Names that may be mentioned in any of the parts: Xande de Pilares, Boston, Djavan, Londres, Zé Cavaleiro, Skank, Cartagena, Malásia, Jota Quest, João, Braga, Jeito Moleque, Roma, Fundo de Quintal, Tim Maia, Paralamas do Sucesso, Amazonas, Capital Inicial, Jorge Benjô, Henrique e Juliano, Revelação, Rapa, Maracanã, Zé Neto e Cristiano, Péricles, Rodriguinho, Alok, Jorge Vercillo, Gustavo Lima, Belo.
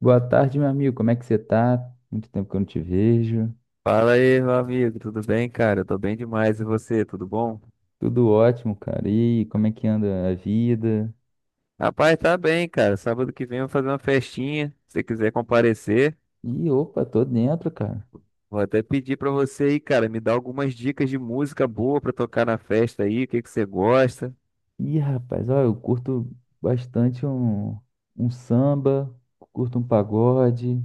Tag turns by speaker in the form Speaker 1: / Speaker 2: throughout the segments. Speaker 1: Boa tarde, meu amigo. Como é que você tá? Muito tempo que eu não te vejo.
Speaker 2: Fala aí, meu amigo, tudo bem, cara? Eu tô bem demais, e você, tudo bom?
Speaker 1: Tudo ótimo, cara. E aí, como é que anda a vida?
Speaker 2: Rapaz, tá bem, cara. Sábado que vem eu vou fazer uma festinha. Se você quiser comparecer,
Speaker 1: Ih, opa, tô dentro, cara.
Speaker 2: vou até pedir pra você aí, cara, me dar algumas dicas de música boa pra tocar na festa aí, o que que você gosta?
Speaker 1: Ih, rapaz, ó, eu curto bastante um samba, curto um pagode,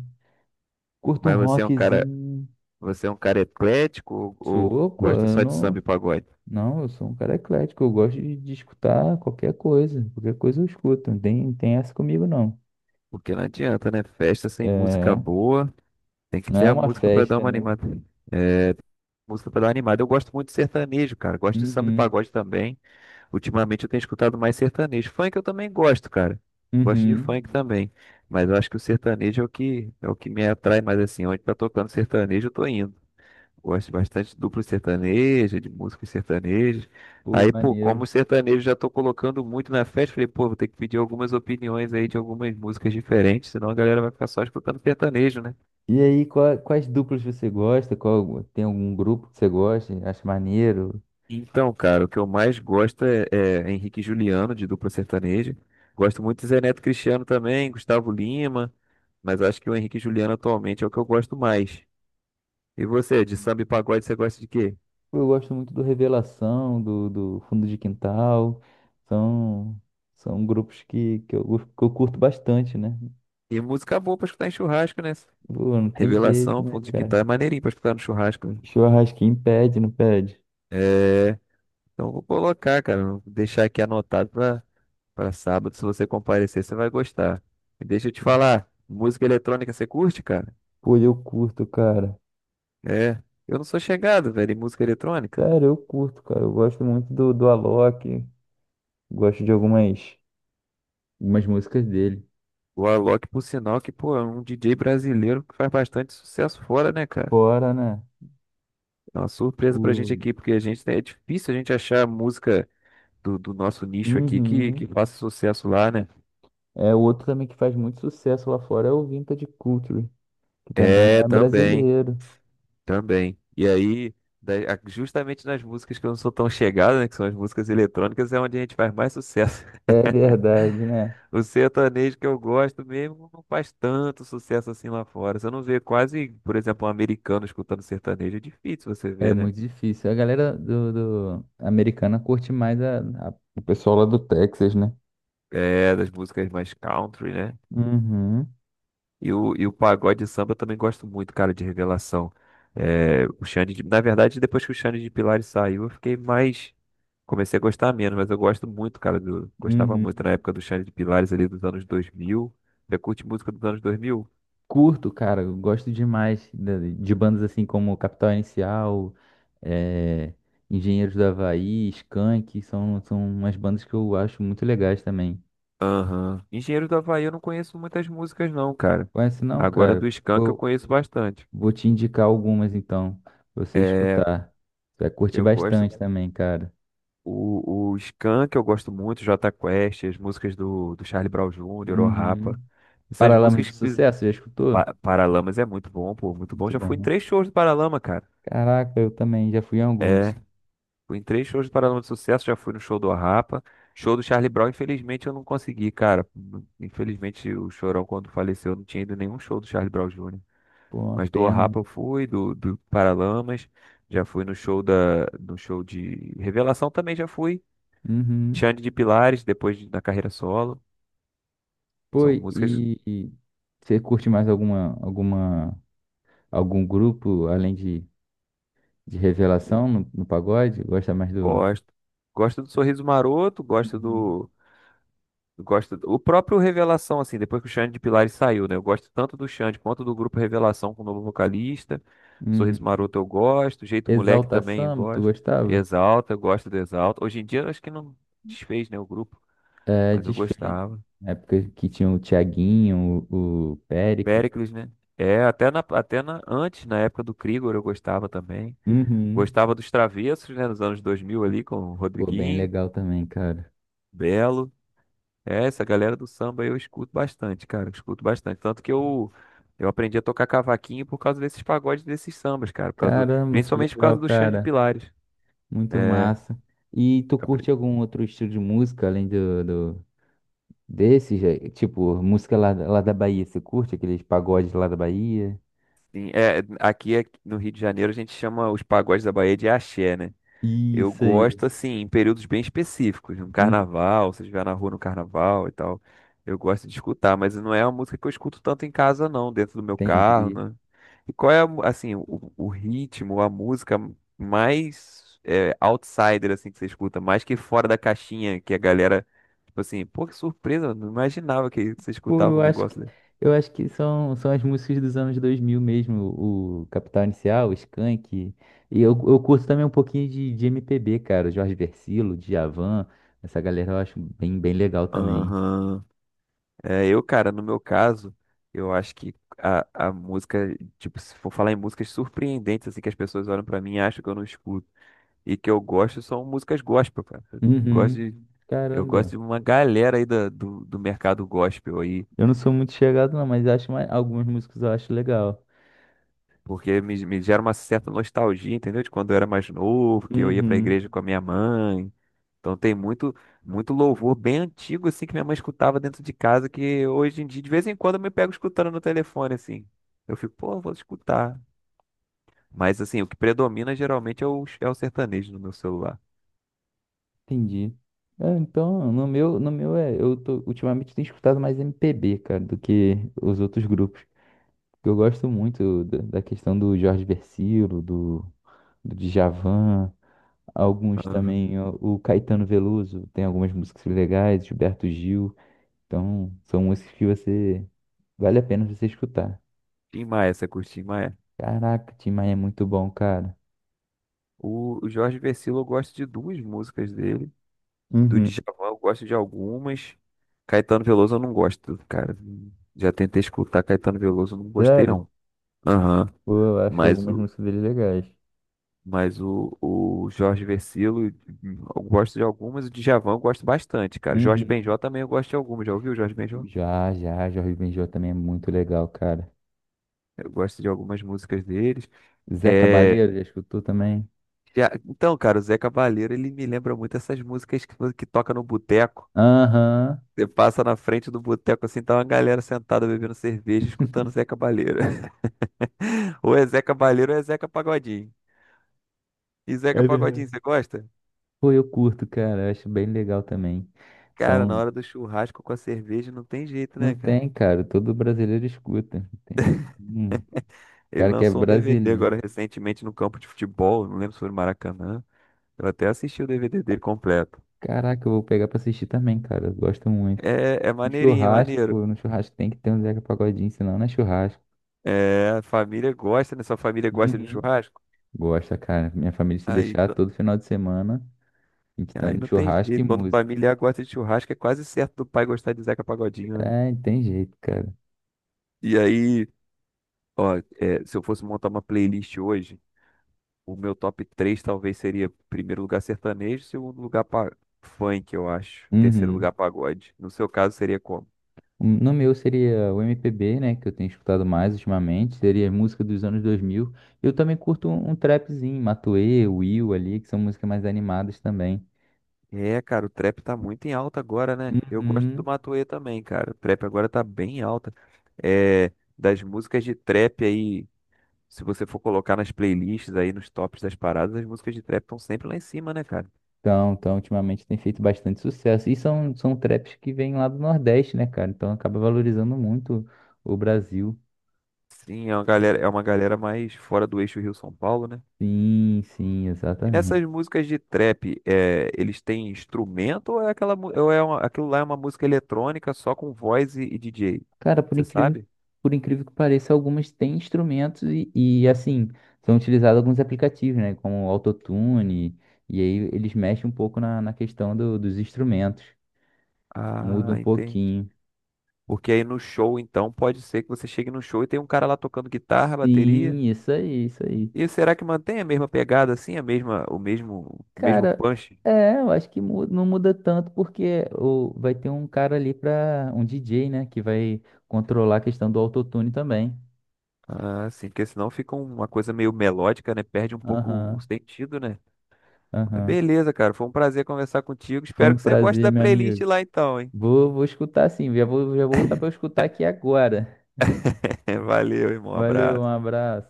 Speaker 1: curto um
Speaker 2: Mas você é um cara,
Speaker 1: rockzinho.
Speaker 2: você é um cara eclético ou
Speaker 1: Sou, pô,
Speaker 2: gosta
Speaker 1: eu
Speaker 2: só de samba
Speaker 1: não.
Speaker 2: e pagode?
Speaker 1: Não, eu sou um cara eclético. Eu gosto de escutar qualquer coisa. Qualquer coisa eu escuto. Não tem essa comigo, não.
Speaker 2: Porque não adianta, né? Festa sem música
Speaker 1: É,
Speaker 2: boa, tem que
Speaker 1: não
Speaker 2: ter
Speaker 1: é
Speaker 2: a
Speaker 1: uma
Speaker 2: música pra dar
Speaker 1: festa,
Speaker 2: uma
Speaker 1: né?
Speaker 2: animada. Música pra dar uma animada. Eu gosto muito de sertanejo, cara. Gosto de samba e
Speaker 1: Uhum,
Speaker 2: pagode também. Ultimamente eu tenho escutado mais sertanejo. Funk eu também gosto, cara. Gosto de
Speaker 1: uhum.
Speaker 2: funk também. Mas eu acho que o sertanejo é o que me atrai mais assim. Onde tá tocando sertanejo, eu tô indo. Gosto bastante de duplo sertanejo, de músicas sertanejas.
Speaker 1: Pô,
Speaker 2: Aí, pô, como
Speaker 1: maneiro.
Speaker 2: o sertanejo já tô colocando muito na festa, falei, pô, vou ter que pedir algumas opiniões aí de algumas músicas diferentes, senão a galera vai ficar só escutando sertanejo, né?
Speaker 1: E aí, quais duplas você gosta? Qual, tem algum grupo que você gosta? Acha maneiro?
Speaker 2: Então, cara, o que eu mais gosto é Henrique e Juliano, de dupla sertaneja. Gosto muito de Zé Neto e Cristiano também, Gustavo Lima, mas acho que o Henrique e Juliano atualmente é o que eu gosto mais. E você, de samba e pagode, você gosta de quê?
Speaker 1: Eu gosto muito do Revelação, do Fundo de Quintal. São, são grupos que eu curto bastante, né?
Speaker 2: E música boa pra escutar em churrasco, né?
Speaker 1: Pô, não tem jeito,
Speaker 2: Revelação,
Speaker 1: né,
Speaker 2: fundo de quintal
Speaker 1: cara?
Speaker 2: é maneirinho pra escutar no churrasco, né?
Speaker 1: Churrasquinho pede, não pede?
Speaker 2: É, então eu vou colocar, cara, vou deixar aqui anotado pra sábado. Se você comparecer, você vai gostar. E deixa eu te falar, música eletrônica você curte, cara?
Speaker 1: Pô, eu curto, cara.
Speaker 2: É, eu não sou chegado, velho, em música eletrônica.
Speaker 1: Sério, eu curto, cara. Eu gosto muito do Alok. Gosto de algumas músicas dele.
Speaker 2: O Alok, por sinal, que, pô, é um DJ brasileiro que faz bastante sucesso fora, né, cara?
Speaker 1: Fora, né?
Speaker 2: É uma surpresa pra gente
Speaker 1: O...
Speaker 2: aqui, porque a gente, né, é difícil a gente achar música do nosso nicho aqui que,
Speaker 1: Uhum.
Speaker 2: que faça sucesso lá, né?
Speaker 1: É, o outro também que faz muito sucesso lá fora é o Vintage Culture, que também
Speaker 2: É,
Speaker 1: é
Speaker 2: também,
Speaker 1: brasileiro.
Speaker 2: também. E aí, justamente nas músicas que eu não sou tão chegado, né, que são as músicas eletrônicas, é onde a gente faz mais sucesso.
Speaker 1: É verdade, né?
Speaker 2: O sertanejo que eu gosto mesmo não faz tanto sucesso assim lá fora. Você não vê quase, por exemplo, um americano escutando sertanejo. É difícil você
Speaker 1: É
Speaker 2: ver, né?
Speaker 1: muito difícil. A galera americana curte mais o pessoal lá do Texas, né?
Speaker 2: É, das músicas mais country, né?
Speaker 1: Uhum,
Speaker 2: E o pagode e samba eu também gosto muito, cara, de Revelação. É, na verdade, depois que o Xande de Pilares saiu, eu fiquei mais. Comecei a gostar menos, mas eu gosto muito, cara. Gostava
Speaker 1: uhum.
Speaker 2: muito na época do Xande de Pilares ali dos anos 2000. Você curte música dos anos 2000?
Speaker 1: Curto, cara, eu gosto demais de bandas assim como Capital Inicial, é, Engenheiros do Havaí, Skank, são umas bandas que eu acho muito legais também.
Speaker 2: Aham. Engenheiro do Havaí eu não conheço muitas músicas não, cara.
Speaker 1: Conhece não,
Speaker 2: Agora do
Speaker 1: cara?
Speaker 2: Skank eu
Speaker 1: Pô,
Speaker 2: conheço bastante.
Speaker 1: vou te indicar algumas então, pra você
Speaker 2: É,
Speaker 1: escutar. Você vai curtir
Speaker 2: eu gosto
Speaker 1: bastante
Speaker 2: da...
Speaker 1: também, cara.
Speaker 2: o Skank eu gosto muito, Jota Quest, as músicas do Charlie Brown Jr., o Rapa.
Speaker 1: Uhum.
Speaker 2: Essas
Speaker 1: Paralamas do
Speaker 2: músicas que
Speaker 1: Sucesso, já escutou?
Speaker 2: Pa- Paralamas é muito bom, pô, muito bom.
Speaker 1: Muito
Speaker 2: Já
Speaker 1: bom,
Speaker 2: fui em
Speaker 1: né?
Speaker 2: três shows do Paralama, cara.
Speaker 1: Caraca, eu também já fui em
Speaker 2: É,
Speaker 1: alguns.
Speaker 2: fui em três shows do Paralama de Sucesso, já fui no show do Rapa. Show do Charlie Brown, infelizmente eu não consegui, cara. Infelizmente o Chorão quando faleceu não tinha ido em nenhum show do Charlie Brown Jr.
Speaker 1: Pô, uma
Speaker 2: Mas do
Speaker 1: pena, né?
Speaker 2: Rapa eu fui, do Paralamas, já fui no show de Revelação também já fui.
Speaker 1: Uhum.
Speaker 2: Xande de Pilares, depois da carreira solo.
Speaker 1: Pô,
Speaker 2: São músicas que
Speaker 1: e você curte mais algum grupo além de Revelação no pagode? Gosta mais do.
Speaker 2: gosto. Gosto do Sorriso Maroto, gosto
Speaker 1: Uhum.
Speaker 2: do. Gosto do, o próprio Revelação, assim, depois que o Xande de Pilares saiu, né? Eu gosto tanto do Xande quanto do grupo Revelação com o novo vocalista.
Speaker 1: Uhum.
Speaker 2: Sorriso Maroto eu gosto, Jeito Moleque
Speaker 1: Exalta
Speaker 2: também eu
Speaker 1: Samba, tu
Speaker 2: gosto.
Speaker 1: gostava?
Speaker 2: Exalta, eu gosto do Exalta. Hoje em dia eu acho que não desfez, né, o grupo,
Speaker 1: É,
Speaker 2: mas eu
Speaker 1: desfeito.
Speaker 2: gostava.
Speaker 1: Na época que tinha o Thiaguinho, o Péricles.
Speaker 2: Péricles, né? É, até na, antes, na época do Krigor, eu gostava também.
Speaker 1: Uhum.
Speaker 2: Gostava dos Travessos, né? Nos anos 2000 ali, com o
Speaker 1: Pô, bem
Speaker 2: Rodriguinho,
Speaker 1: legal também, cara.
Speaker 2: Belo. É, essa galera do samba eu escuto bastante, cara. Eu escuto bastante. Tanto que eu aprendi a tocar cavaquinho por causa desses pagodes, desses sambas, cara. Por causa do,
Speaker 1: Caramba, que
Speaker 2: principalmente por
Speaker 1: legal,
Speaker 2: causa do Xande de
Speaker 1: cara.
Speaker 2: Pilares.
Speaker 1: Muito
Speaker 2: É,
Speaker 1: massa. E tu curte
Speaker 2: apre-
Speaker 1: algum outro estilo de música além do, do desses? É? Tipo, música lá da Bahia, você curte aqueles pagodes lá da Bahia?
Speaker 2: sim, é, aqui no Rio de Janeiro a gente chama os pagodes da Bahia de axé, né? Eu
Speaker 1: Isso aí.
Speaker 2: gosto, assim, em períodos bem específicos, no
Speaker 1: Hum,
Speaker 2: carnaval, se eu estiver na rua no carnaval e tal. Eu gosto de escutar, mas não é uma música que eu escuto tanto em casa, não, dentro do meu carro,
Speaker 1: Entendi.
Speaker 2: né? E qual é, assim, o ritmo, a música mais é, outsider, assim, que você escuta, mais que fora da caixinha, que a galera, tipo assim, pô, que surpresa, eu não imaginava que você
Speaker 1: Pô,
Speaker 2: escutava um
Speaker 1: eu acho que,
Speaker 2: negócio desse.
Speaker 1: eu acho que são as músicas dos anos 2000 mesmo, o Capital Inicial, o Skank. E eu curto também um pouquinho de MPB, cara, Jorge Vercillo, Djavan, essa galera eu acho bem, bem legal também.
Speaker 2: Aham. É, eu, cara, no meu caso, eu acho que a música, tipo, se for falar em músicas surpreendentes, assim, que as pessoas olham pra mim e acham que eu não escuto e que eu gosto, são músicas gospel, cara. Eu gosto
Speaker 1: Uhum.
Speaker 2: de, eu gosto
Speaker 1: Caramba.
Speaker 2: de uma galera aí do mercado gospel aí,
Speaker 1: Eu não sou muito chegado não, mas acho mais, algumas músicas eu acho legal.
Speaker 2: porque me gera uma certa nostalgia, entendeu? De quando eu era mais novo, que eu ia pra
Speaker 1: Uhum.
Speaker 2: igreja com a minha mãe. Então tem muito, muito louvor bem antigo assim que minha mãe escutava dentro de casa que hoje em dia de vez em quando eu me pego escutando no telefone assim. Eu fico, pô, vou escutar. Mas assim, o que predomina geralmente é o sertanejo no meu celular.
Speaker 1: Entendi. É, então, no meu é, ultimamente tenho escutado mais MPB, cara, do que os outros grupos. Eu gosto muito da questão do Jorge Vercillo, do Djavan, alguns
Speaker 2: Uhum.
Speaker 1: também, ó, o Caetano Veloso, tem algumas músicas legais, Gilberto Gil, então são músicas que você, vale a pena você escutar.
Speaker 2: Tim Maia, você curte Tim Maia?
Speaker 1: Caraca, Tim Maia é muito bom, cara.
Speaker 2: O Jorge Vercillo eu gosto de duas músicas dele. Do
Speaker 1: Uhum.
Speaker 2: Djavan eu gosto de algumas. Caetano Veloso eu não gosto, cara. Já tentei escutar Caetano Veloso, eu não gostei
Speaker 1: Sério?
Speaker 2: não. Aham.
Speaker 1: Pô, eu acho
Speaker 2: Mas
Speaker 1: algumas músicas dele legais.
Speaker 2: o Jorge Vercillo, eu gosto de algumas, o Djavan eu gosto bastante, cara. Jorge
Speaker 1: Uhum.
Speaker 2: Benjó também eu gosto de algumas. Já ouviu o Jorge Benjó?
Speaker 1: Já, já, Jorge Benjô também é muito legal, cara.
Speaker 2: Eu gosto de algumas músicas deles.
Speaker 1: Zé
Speaker 2: É,
Speaker 1: Cabaleiro, já escutou também?
Speaker 2: então, cara, o Zé Cavaleiro, ele me lembra muito essas músicas que toca no boteco.
Speaker 1: Aham.
Speaker 2: Você passa na frente do boteco assim, tá uma galera sentada bebendo cerveja, escutando Zé Cavaleiro. Ou é Zé Cavaleiro ou é Zeca Pagodinho. E Zeca
Speaker 1: É
Speaker 2: Pagodinho, você
Speaker 1: verdade.
Speaker 2: gosta?
Speaker 1: Pô, eu curto, cara. Eu acho bem legal também.
Speaker 2: Cara, na
Speaker 1: São...
Speaker 2: hora do churrasco com a cerveja não tem jeito,
Speaker 1: Não
Speaker 2: né, cara?
Speaker 1: tem, cara. Todo brasileiro escuta. Tem... Hum,
Speaker 2: Ele
Speaker 1: Cara que é
Speaker 2: lançou um DVD
Speaker 1: brasileiro.
Speaker 2: agora recentemente no campo de futebol, não lembro se foi no Maracanã. Eu até assisti o DVD dele completo.
Speaker 1: Caraca, eu vou pegar pra assistir também, cara. Eu gosto muito.
Speaker 2: É, é
Speaker 1: No
Speaker 2: maneirinho, é
Speaker 1: churrasco,
Speaker 2: maneiro.
Speaker 1: pô, no churrasco tem que ter um Zeca Pagodinho, senão não é churrasco.
Speaker 2: É, a família gosta, né? Sua família gosta de um
Speaker 1: Uhum.
Speaker 2: churrasco?
Speaker 1: Gosta, cara. Minha família se
Speaker 2: Aí,
Speaker 1: deixar
Speaker 2: t-
Speaker 1: todo final de semana, a gente tá
Speaker 2: aí
Speaker 1: no
Speaker 2: não tem
Speaker 1: churrasco e
Speaker 2: jeito. Quando
Speaker 1: música.
Speaker 2: familiar gosta de churrasco, é quase certo do pai gostar de Zeca Pagodinho, né?
Speaker 1: É, tem jeito, cara.
Speaker 2: E aí, ó, é, se eu fosse montar uma playlist hoje, o meu top 3 talvez seria primeiro lugar sertanejo, segundo lugar funk, eu acho. Terceiro lugar
Speaker 1: Uhum.
Speaker 2: pagode. No seu caso, seria como?
Speaker 1: No meu seria o MPB, né, que eu tenho escutado mais ultimamente, seria música dos anos 2000. Eu também curto um trapzinho, Matuê, Will ali, que são músicas mais animadas também.
Speaker 2: É, cara, o trap tá muito em alta agora, né? Eu gosto do
Speaker 1: Uhum.
Speaker 2: Matuê também, cara. O trap agora tá bem em alta. É, das músicas de trap aí, se você for colocar nas playlists aí, nos tops das paradas, as músicas de trap estão sempre lá em cima, né, cara?
Speaker 1: Então, ultimamente tem feito bastante sucesso. E são traps que vêm lá do Nordeste, né, cara? Então acaba valorizando muito o Brasil.
Speaker 2: Sim, é uma galera mais fora do eixo Rio-São Paulo, né?
Speaker 1: Sim, sim.
Speaker 2: E nessas músicas de trap, é, eles têm instrumento ou é aquela, mu- ou é uma- aquilo lá é uma música eletrônica só com voz e DJ?
Speaker 1: Cara, por
Speaker 2: Você
Speaker 1: incrível,
Speaker 2: sabe?
Speaker 1: por incrível que pareça, algumas têm instrumentos e, assim, são utilizados alguns aplicativos, né? Como o Autotune, e aí eles mexem um pouco na questão dos instrumentos, muda
Speaker 2: Ah,
Speaker 1: um
Speaker 2: entendi.
Speaker 1: pouquinho.
Speaker 2: Porque aí no show, então, pode ser que você chegue no show e tem um cara lá tocando guitarra, bateria.
Speaker 1: Sim, isso aí, isso aí.
Speaker 2: E será que mantém a mesma pegada assim, a mesma, o mesmo
Speaker 1: Cara,
Speaker 2: punch?
Speaker 1: é, eu acho que não muda tanto porque vai ter um cara ali pra. Um DJ, né, que vai controlar a questão do autotune também.
Speaker 2: Ah, sim, porque senão fica uma coisa meio melódica, né? Perde um pouco o
Speaker 1: Aham,
Speaker 2: sentido, né? Mas
Speaker 1: aham.
Speaker 2: beleza, cara, foi um prazer conversar contigo.
Speaker 1: Foi
Speaker 2: Espero
Speaker 1: um
Speaker 2: que você goste
Speaker 1: prazer,
Speaker 2: da
Speaker 1: meu
Speaker 2: playlist
Speaker 1: amigo.
Speaker 2: lá então, hein?
Speaker 1: Vou escutar sim, já vou voltar para escutar aqui agora.
Speaker 2: Valeu, irmão.
Speaker 1: Valeu, um
Speaker 2: Abraço.
Speaker 1: abraço.